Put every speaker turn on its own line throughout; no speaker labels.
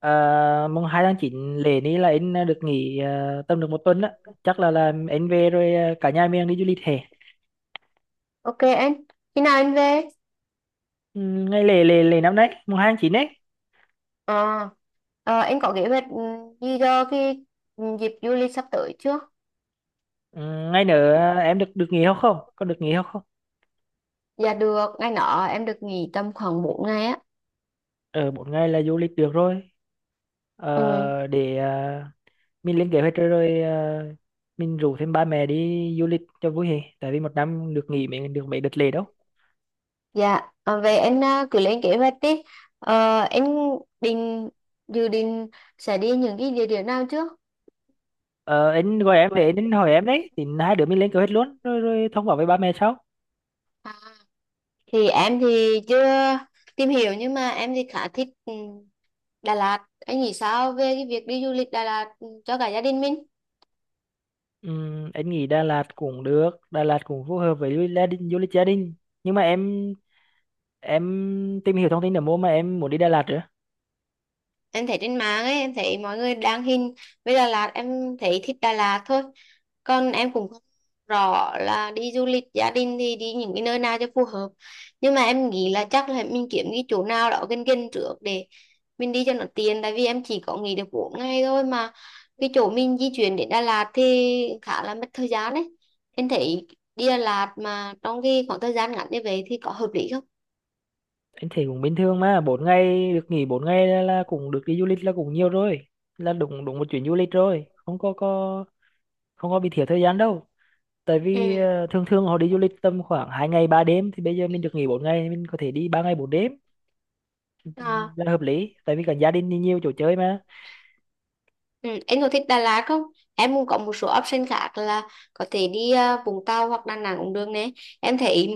À, mùng 2 tháng 9 lễ ní là anh được nghỉ, tầm được một tuần á, chắc là anh về rồi, cả nhà mình đi du lịch hè.
Ok anh, khi nào anh về?
Ừ, ngày lễ lễ lễ năm nay mùng 2 tháng 9 ấy.
Ờ, anh có kế hoạch gì cho cái dịp du lịch sắp tới chưa?
Ừ, ngày nữa, em được được nghỉ không, không có được nghỉ không không.
Dạ được, ngày nọ em được nghỉ tầm khoảng 4 ngày á.
Ở bốn ngày là du lịch được rồi.
Ừ,
Ờ, để ờ, mình lên kế hoạch rồi, mình rủ thêm ba mẹ đi du lịch cho vui hè, tại vì một năm được nghỉ mấy, được mấy đợt lễ đâu.
dạ, vậy anh cứ lên kế hoạch đi. Ờ, anh định, dự định sẽ đi những cái địa điểm nào trước?
Ờ, anh gọi em để anh hỏi em đấy, thì hai đứa mình lên kế hoạch luôn, rồi rồi thông báo với ba mẹ sau.
À, thì em chưa tìm hiểu nhưng mà em thì khá thích Đà Lạt. Anh nghĩ sao về cái việc đi du lịch Đà Lạt, cho cả gia đình mình?
Anh nghĩ Đà Lạt cũng được, Đà Lạt cũng phù hợp với du lịch gia đình, du lịch gia đình, nhưng mà em tìm hiểu thông tin ở mua mà em muốn đi Đà Lạt nữa.
Em thấy trên mạng ấy, em thấy mọi người đăng hình với Đà Lạt, em thấy thích Đà Lạt thôi, còn em cũng không rõ là đi du lịch gia đình thì đi những cái nơi nào cho phù hợp. Nhưng mà em nghĩ là chắc là mình kiếm cái chỗ nào đó gần gần trước để mình đi cho nó tiện, tại vì em chỉ có nghỉ được 4 ngày thôi mà cái chỗ mình di chuyển đến Đà Lạt thì khá là mất thời gian đấy. Em thấy đi Đà Lạt mà trong cái khoảng thời gian ngắn như vậy thì có hợp lý không?
Anh thấy cũng bình thường mà, bốn ngày, được nghỉ bốn ngày là cũng được đi du lịch là cũng nhiều rồi, là đúng đúng một chuyến du lịch rồi, không có không có bị thiếu thời gian đâu. Tại
Ừ.
vì, thường thường họ đi du lịch tầm khoảng hai ngày ba đêm, thì bây giờ mình được nghỉ bốn ngày mình có thể đi ba ngày bốn đêm,
À.
là hợp lý, tại vì cả gia đình đi nhiều chỗ chơi mà.
Ừ, em có thích Đà Lạt không? Em cũng có một số option khác là có thể đi Vũng Tàu hoặc Đà Nẵng cũng được nè. Em thấy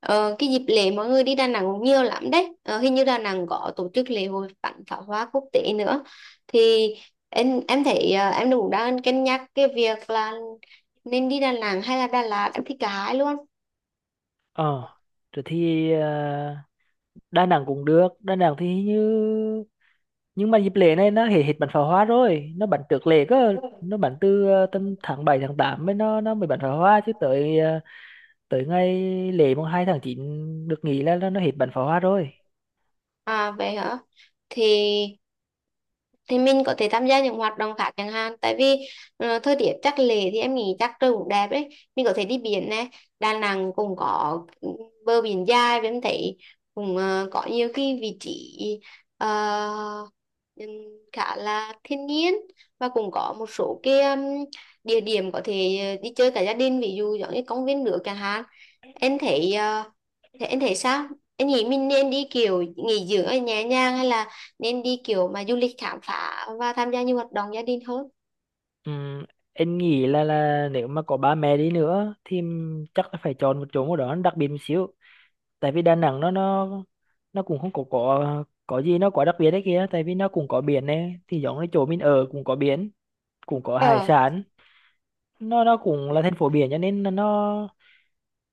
cái dịp lễ mọi người đi Đà Nẵng cũng nhiều lắm đấy. Ờ, hình như Đà Nẵng có tổ chức lễ hội bắn pháo hoa quốc tế nữa. Thì em thấy em cũng đang cân nhắc cái việc là nên đi Đà Nẵng hay là Đà Lạt. Em thích cả hai luôn.
ờ rồi thì ờ, Đà Nẵng cũng được, Đà Nẵng thì như, nhưng mà dịp lễ này nó hết hết bắn pháo hoa rồi, nó bắn trước lễ cơ, nó bắn từ tầm tháng 7 tháng 8 mới, nó mới bắn pháo hoa, chứ tới tới ngày lễ mùng 2 tháng 9 được nghỉ là nó hết bắn pháo hoa rồi.
À vậy hả? Thì thì mình có thể tham gia những hoạt động khác chẳng hạn, tại vì thời tiết chắc lệ thì em nghĩ chắc trời cũng đẹp đấy, mình có thể đi biển này. Đà Nẵng cũng có bờ biển dài và em thấy cũng có nhiều cái vị trí ờ, ừm, khá là thiên nhiên, và cũng có một số cái địa điểm có thể đi chơi cả gia đình, ví dụ giống như công viên nước chẳng hạn. Em thấy ờ, thế anh thấy sao? Anh nghĩ mình nên đi kiểu nghỉ dưỡng ở nhà nhàng, hay là nên đi kiểu mà du lịch khám phá và tham gia nhiều hoạt động gia đình hơn?
Ừm, em nghĩ là nếu mà có ba mẹ đi nữa thì chắc là phải chọn một chỗ nào đó nó đặc biệt một xíu, tại vì Đà Nẵng nó cũng không có gì nó quá đặc biệt đấy kia, tại vì nó cũng có biển này, thì giống như chỗ mình ở cũng có biển, cũng có hải
Ờ,
sản, nó cũng là thành phố biển, cho nên là nó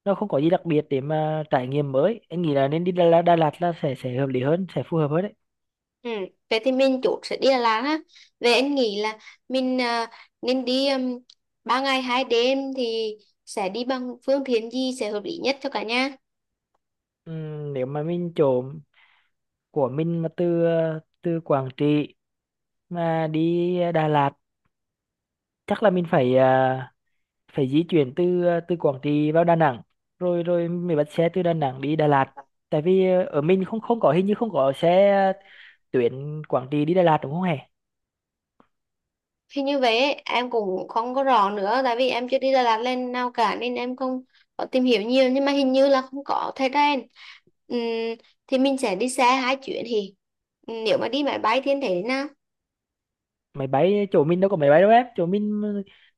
nó không có gì đặc biệt để mà trải nghiệm mới. Anh nghĩ là nên đi Đà Lạt, Đà Lạt là sẽ hợp lý hơn, sẽ phù hợp hơn đấy.
ừ. Vậy thì mình chốt sẽ đi Đà Lạt ha. Vậy anh nghĩ là mình nên đi, 3 ngày 2 đêm thì sẽ đi bằng phương tiện gì sẽ hợp lý nhất cho cả nhà?
Nếu mà mình chỗ của mình mà từ, từ Quảng Trị mà đi, Đà Lạt, chắc là mình phải, phải di chuyển từ, từ Quảng Trị vào Đà Nẵng, rồi rồi mình bắt xe từ Đà Nẵng đi Đà Lạt, tại vì, ở mình không không có, hình như không có xe, tuyến Quảng Trị đi Đà Lạt đúng không hề.
Thì như vậy ấy, em cũng không có rõ nữa, tại vì em chưa đi Đà Lạt lên nào cả nên em không có tìm hiểu nhiều, nhưng mà hình như là không có thời gian. Ừm, thì mình sẽ đi xe 2 chuyến thì nếu mà đi máy bay thì em thấy thế nào?
Máy bay chỗ mình đâu có máy bay đâu em, chỗ mình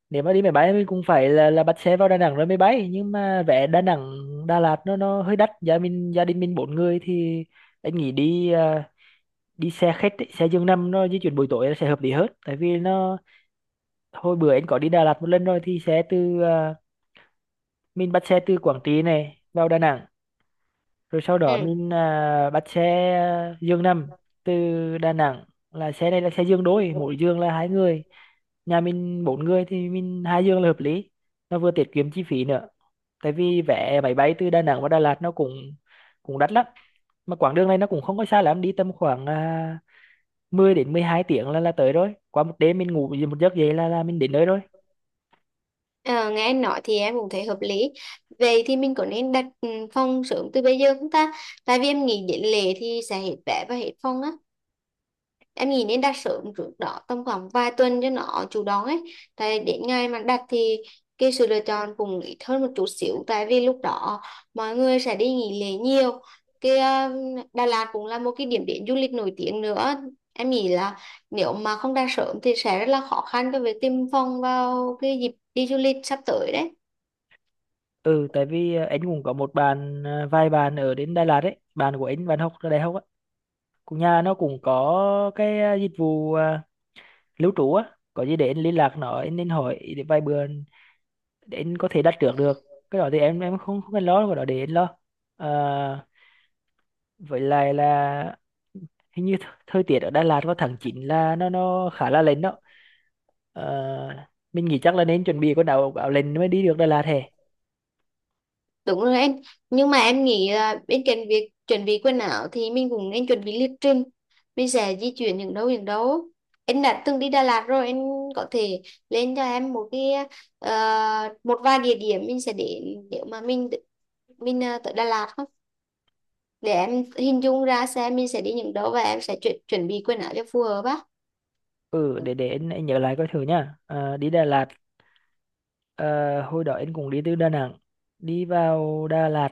nếu mà đi máy bay mình cũng phải là bắt xe vào Đà Nẵng rồi máy bay, nhưng mà vé Đà Nẵng Đà Lạt nó hơi đắt, gia mình, gia đình mình bốn người thì anh nghĩ đi, đi xe khách ấy, xe giường nằm nó di chuyển buổi tối nó sẽ hợp lý hơn, tại vì nó, hồi bữa anh có đi Đà Lạt một lần rồi, thì xe từ, mình bắt xe từ Quảng Trị này vào Đà Nẵng, rồi sau đó
Ừ.
mình, bắt xe, giường nằm từ Đà Nẵng, là xe này là xe giường đôi, mỗi giường là hai người, nhà mình bốn người thì mình hai giường là hợp lý, nó vừa tiết kiệm chi phí nữa, tại vì vé máy bay từ Đà Nẵng và Đà Lạt nó cũng cũng đắt lắm, mà quãng đường này nó cũng không có xa lắm, đi tầm khoảng, 10 đến 12 tiếng là tới rồi, qua một đêm mình ngủ một giấc dậy là mình đến nơi rồi.
Ờ, nghe anh nói thì em cũng thấy hợp lý. Vậy thì mình có nên đặt phòng sớm từ bây giờ không ta, tại vì em nghĩ đến lễ thì sẽ hết vé và hết phòng á. Em nghĩ nên đặt sớm trước đó tầm khoảng vài tuần cho nó chủ động ấy, tại đến ngày mà đặt thì cái sự lựa chọn cũng ít hơn một chút xíu, tại vì lúc đó mọi người sẽ đi nghỉ lễ nhiều. Cái Đà Lạt cũng là một cái điểm đến du lịch nổi tiếng nữa, em nghĩ là nếu mà không đặt sớm thì sẽ rất là khó khăn cho việc tìm phòng vào cái dịp đi du lịch sắp tới
Ừ, tại vì, anh cũng có một bạn, vài bạn ở đến Đà Lạt ấy, bạn của anh, bạn học ở đại học á, cũng nhà nó cũng có cái, dịch vụ, lưu trú á, có gì để anh liên lạc nó, anh hỏi để vài bữa, để anh có thể đặt trước được. Cái đó thì em không không cần lo, cái đó để anh lo. à, với lại là hình như thời tiết ở Đà
đấy.
Lạt vào tháng 9 là nó khá là lạnh đó. Ờ, mình nghĩ chắc là nên chuẩn bị quần áo, áo lạnh mới đi được Đà Lạt hè.
Đúng rồi em, nhưng mà em nghĩ là bên cạnh việc chuẩn bị quần áo thì mình cũng nên chuẩn bị lịch trình. Mình sẽ di chuyển những đâu những đâu. Em đã từng đi Đà Lạt rồi, em có thể lên cho em một cái một vài địa điểm mình sẽ đến nếu mà mình tới Đà Lạt không? Để em hình dung ra xem mình sẽ đi những đâu và em sẽ chuẩn chuẩn bị quần áo cho phù hợp á.
Ừ,
Ừ.
để anh nhớ lại coi thử nha. Ờ, đi Đà Lạt. Ờ, hồi đó anh cũng đi từ Đà Nẵng đi vào Đà Lạt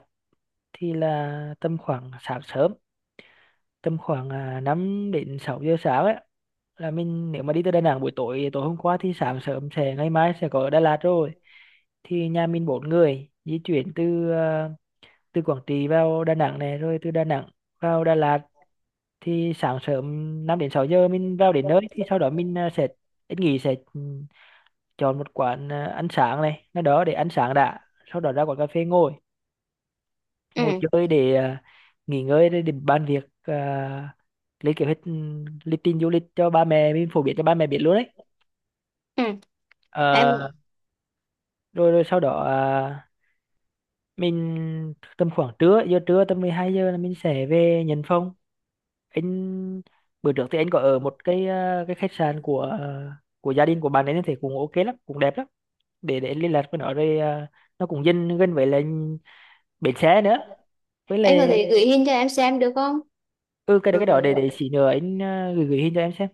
thì là tầm khoảng sáng sớm, tầm khoảng, 5 đến 6 giờ sáng ấy, là mình nếu mà đi từ Đà Nẵng buổi tối, tối hôm qua thì sáng sớm sẽ, ngày mai sẽ có ở Đà Lạt rồi. Thì nhà mình bốn người di chuyển từ, từ Quảng Trị vào Đà Nẵng này, rồi từ Đà Nẵng vào Đà Lạt thì sáng sớm 5 đến 6 giờ mình vào đến nơi, thì sau đó mình, sẽ, anh nghĩ sẽ, chọn một quán, ăn sáng này nó đó để ăn sáng đã, sau đó ra quán cà phê ngồi, ngồi
Ừ.
chơi để, nghỉ ngơi, để bàn việc, lấy kế hoạch, lịch trình du lịch cho ba mẹ mình, phổ biến cho ba mẹ biết luôn đấy.
Ừ.
Ờ,
Em
rồi rồi sau đó, mình tầm khoảng trưa, giờ trưa tầm 12 giờ là mình sẽ về nhận phòng. Anh bữa trước thì anh có ở một cái, cái khách sạn của, của gia đình của bạn ấy, nên thì cũng ok lắm, cũng đẹp lắm. Để anh liên lạc với nó rồi, nó cũng dân gần với là bến xe nữa, với
em có
lại.
thể gửi hình cho em xem được không?
Ừ, cái đó để xí nữa anh, gửi gửi hình cho em xem.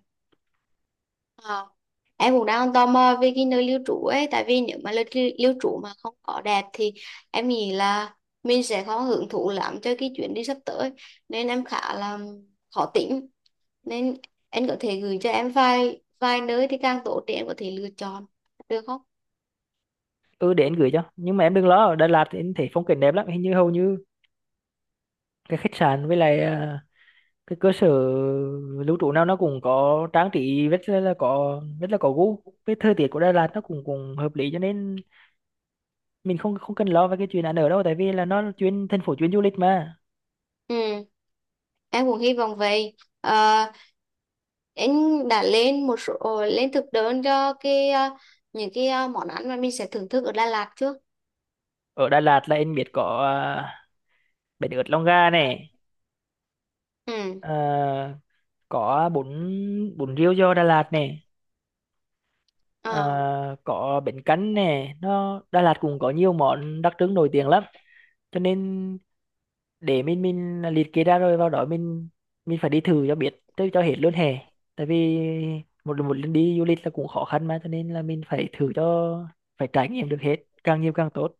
Ờ. Em cũng đang tò mò về cái nơi lưu trú ấy, tại vì nếu mà nơi lưu trú mà không có đẹp thì em nghĩ là mình sẽ không hưởng thụ lắm cho cái chuyến đi sắp tới, nên em khá là khó tính, nên em có thể gửi cho em vài vài nơi thì càng tốt để em có thể lựa chọn được không?
Ừ, để anh gửi cho, nhưng mà em đừng lo, ở Đà Lạt thì anh thấy phong cảnh đẹp lắm, hình như hầu như cái khách sạn với lại, cái cơ sở lưu trú nào nó cũng có trang trí rất là có, rất là có gu, với thời tiết của Đà Lạt nó cũng cũng hợp lý, cho nên mình không không cần lo về cái chuyện ăn ở đâu, tại vì là nó là chuyên thành phố chuyên du lịch mà.
Ừ. Em cũng hy vọng vậy. Ờ, anh đã lên một số lên thực đơn cho cái những cái món ăn mà mình sẽ thưởng thức ở Đà Lạt chưa?
Ở Đà Lạt là anh biết có, uh, bánh ướt Long Ga này,
Ừ.
ờ, có bún, bún riêu giò Đà Lạt này. Ờ,
Ờ.
có bánh canh nè, nó Đà Lạt cũng có nhiều món đặc trưng nổi tiếng lắm, cho nên để mình liệt kê ra rồi vào đó mình phải đi thử cho biết tới cho hết luôn hè, tại vì một một lần đi du lịch là cũng khó khăn mà, cho nên là mình phải thử cho, phải trải nghiệm được hết, càng nhiều càng tốt.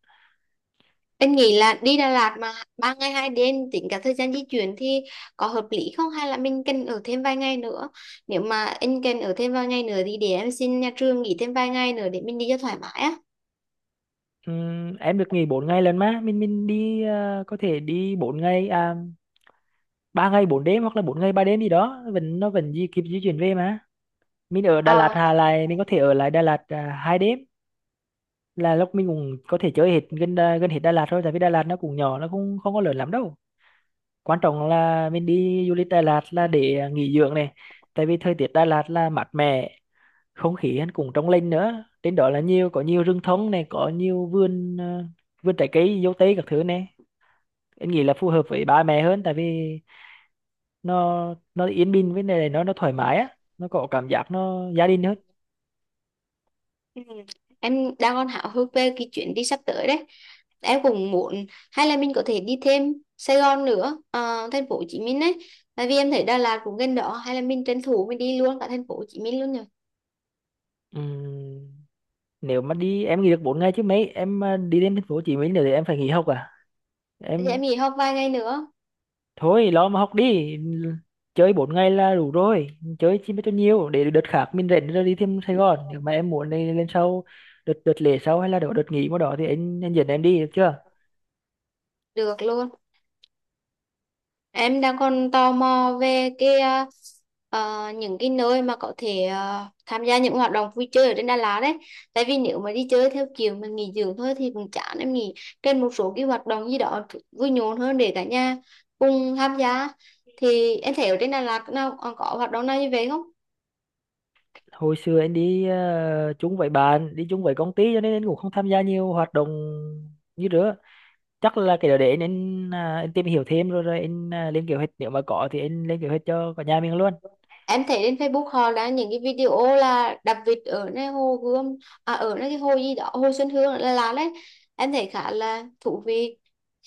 Anh nghĩ là đi Đà Lạt mà 3 ngày 2 đêm tính cả thời gian di chuyển thì có hợp lý không, hay là mình cần ở thêm vài ngày nữa? Nếu mà anh cần ở thêm vài ngày nữa thì để em xin nhà trường nghỉ thêm vài ngày nữa để mình đi cho thoải mái á.
Em được nghỉ 4 ngày lần mà mình đi, có thể đi 4 ngày, 3 ngày 4 đêm hoặc là bốn ngày 3 đêm gì đó, vẫn nó vẫn di kịp di chuyển về mà. Mình ở Đà Lạt, Hà
Ờ.
lại mình có thể ở lại Đà Lạt, hai đêm là lúc mình cũng có thể chơi hết gần, gần hết Đà Lạt thôi, tại vì Đà Lạt nó cũng nhỏ, nó cũng không có lớn lắm đâu. Quan trọng là mình đi du lịch Đà Lạt là để, nghỉ dưỡng này, tại vì thời tiết Đà Lạt là mát mẻ, không khí hắn cũng trong lành nữa, trên đó là nhiều, có nhiều rừng thông này, có nhiều vườn, vườn trái cây dâu tây các thứ này. Em nghĩ là phù hợp với ba mẹ hơn, tại vì nó yên bình với này, nó thoải mái á, nó có cảm giác nó gia đình hơn.
Ừ. Em đang còn háo hức về cái chuyến đi sắp tới đấy. Em cũng muốn, hay là mình có thể đi thêm Sài Gòn nữa, ờ, thành phố Hồ Chí Minh đấy. Tại vì em thấy Đà Lạt cũng gần đó, hay là mình tranh thủ mình đi luôn cả thành phố Hồ Chí Minh luôn rồi.
Ừm, nếu mà đi em nghỉ được 4 ngày chứ mấy em, đi đến thành phố Hồ Chí Minh nữa thì em phải nghỉ học à.
Thì em
Em
nghỉ học vài ngày nữa,
thôi lo mà học đi, chơi bốn ngày là đủ rồi, chơi chi mới cho nhiều, để đợt khác mình rảnh rồi đi thêm Sài Gòn, nếu mà em muốn đi lên sau, đợt đợt lễ sau hay là đợt đợt nghỉ mà đó thì anh dẫn em đi được chưa.
được luôn. Em đang còn tò mò về cái những cái nơi mà có thể tham gia những hoạt động vui chơi ở trên Đà Lạt đấy. Tại vì nếu mà đi chơi theo kiểu mình nghỉ dưỡng thôi thì cũng chán, em nghĩ trên một số cái hoạt động gì đó vui nhộn hơn để cả nhà cùng tham gia. Thì em thấy ở trên Đà Lạt nào còn có hoạt động nào như vậy không?
Hồi xưa anh đi, chung với bạn, đi chung với công ty, cho nên anh cũng không tham gia nhiều hoạt động như nữa. Chắc là cái đó để anh tìm hiểu thêm rồi rồi anh, lên kế hoạch, nếu mà có thì anh lên kế hoạch cho cả nhà mình luôn.
Em thấy trên Facebook họ đã những cái video là đập vịt ở nơi hồ Gươm, à ở nơi cái hồ gì đó, hồ Xuân Hương là đấy. Em thấy khá là thú vị,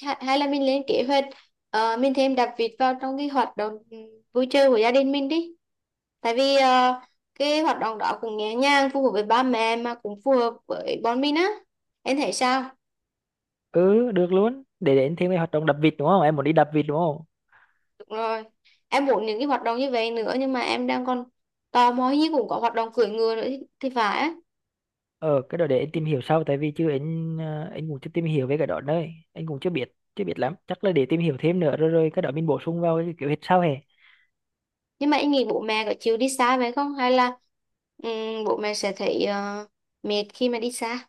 hay là mình lên kế hoạch mình thêm đập vịt vào trong cái hoạt động vui chơi của gia đình mình đi, tại vì cái hoạt động đó cũng nhẹ nhàng phù hợp với ba mẹ mà cũng phù hợp với bọn mình á. Em thấy sao?
Ừ, được luôn, để anh thêm cái hoạt động đập vịt đúng không, em muốn đi đập vịt đúng không.
Đúng rồi, em muốn những cái hoạt động như vậy nữa, nhưng mà em đang còn tò mò hình như cũng có hoạt động cưỡi ngựa nữa thì phải á.
Ờ, cái đó để anh tìm hiểu sau, tại vì chứ anh, anh cũng chưa tìm hiểu về cái đó đấy, anh cũng chưa biết lắm, chắc là để tìm hiểu thêm nữa rồi rồi cái đó mình bổ sung vào cái kiểu hết sau hè.
Nhưng mà em nghĩ bố mẹ có chịu đi xa vậy không? Hay là bố mẹ sẽ thấy mệt khi mà đi xa?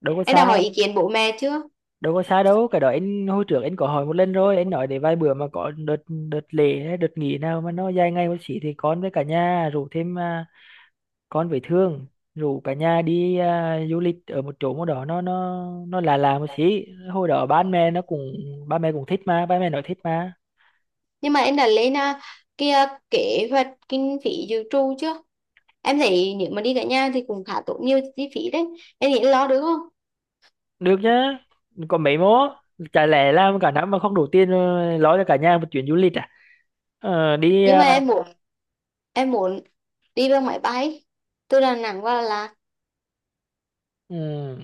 Đâu có
Em
xa,
đã hỏi ý kiến bố mẹ chưa?
đâu có xa đâu, cái đó anh hồi trước anh có hỏi một lần rồi, anh nói để vài bữa mà có đợt, lễ hay đợt nghỉ nào mà nó dài ngày một xí, thì con với cả nhà rủ thêm, con với Thương rủ cả nhà đi, du lịch ở một chỗ một đó, nó là một xí. Hồi đó ba mẹ nó cũng, ba mẹ cũng thích mà, ba mẹ nói thích mà.
Nhưng mà em đã lên cái kế hoạch kinh phí dự trù chưa? Em thấy nếu mà đi cả nhà thì cũng khá tốn nhiều chi phí đấy. Em nghĩ lo được không?
Được nhá, còn mấy mố, chả lẽ làm cả năm mà không đủ tiền, lo cho cả nhà một chuyến du lịch à. ờ, đi
Nhưng
ờ,
mà em muốn đi bằng máy bay từ Đà Nẵng qua Đà Lạt.
ừ,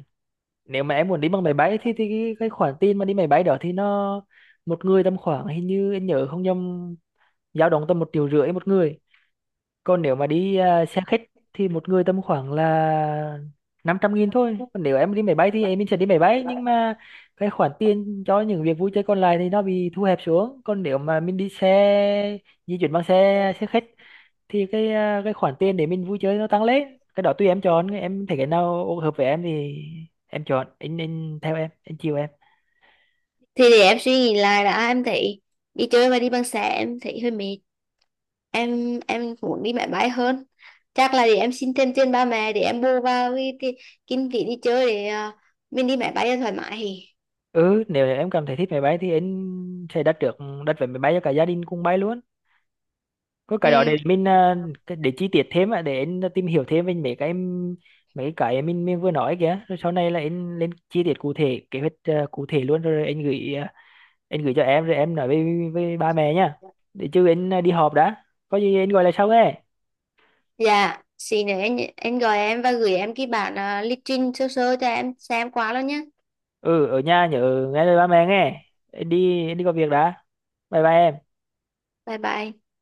nếu mà em muốn đi bằng máy bay thì cái khoản tiền mà đi máy bay đó thì nó, một người tầm khoảng, hình như em nhớ không nhầm, dao động tầm 1,5 triệu một người. Còn nếu mà đi, xe khách thì một người tầm khoảng là 500.000 thôi. Còn nếu em đi máy bay thì em sẽ đi máy bay, nhưng mà cái khoản tiền cho những việc vui chơi còn lại thì nó bị thu hẹp xuống. Còn nếu mà mình đi xe, di chuyển bằng xe xe khách, thì cái, cái khoản tiền để mình vui chơi nó tăng lên. Cái đó tùy em chọn, em thấy cái nào hợp với em thì em chọn, anh theo em, anh chiều em.
Thì để em suy nghĩ lại đã, em thấy đi chơi và đi bằng xe em thấy hơi mệt. Em muốn đi máy bay hơn, chắc là để em xin thêm tiền ba mẹ để em bù vào cái kinh phí đi chơi để mình đi máy bay cho thoải mái.
Ừ, nếu em cảm thấy thích máy bay thì anh sẽ đặt trước, đặt vé máy bay cho cả gia đình cùng bay luôn. Có cái đó
Ừ,
để mình, để chi tiết thêm á, để anh tìm hiểu thêm về mấy cái mình vừa nói kìa, rồi sau này là anh lên chi tiết cụ thể kế hoạch, cụ thể luôn rồi anh gửi, anh gửi cho em rồi em nói với ba mẹ nhá. Để chứ anh, đi họp đã, có gì anh gọi lại sau nghe.
dạ xin nữa anh gọi em và gửi em cái bản lịch trình sơ sơ cho em xem qua luôn nhé.
Ừ, ở nhà nhớ nghe lời ba mẹ nghe, anh đi có việc đã. Bye bye em.
Bye bye.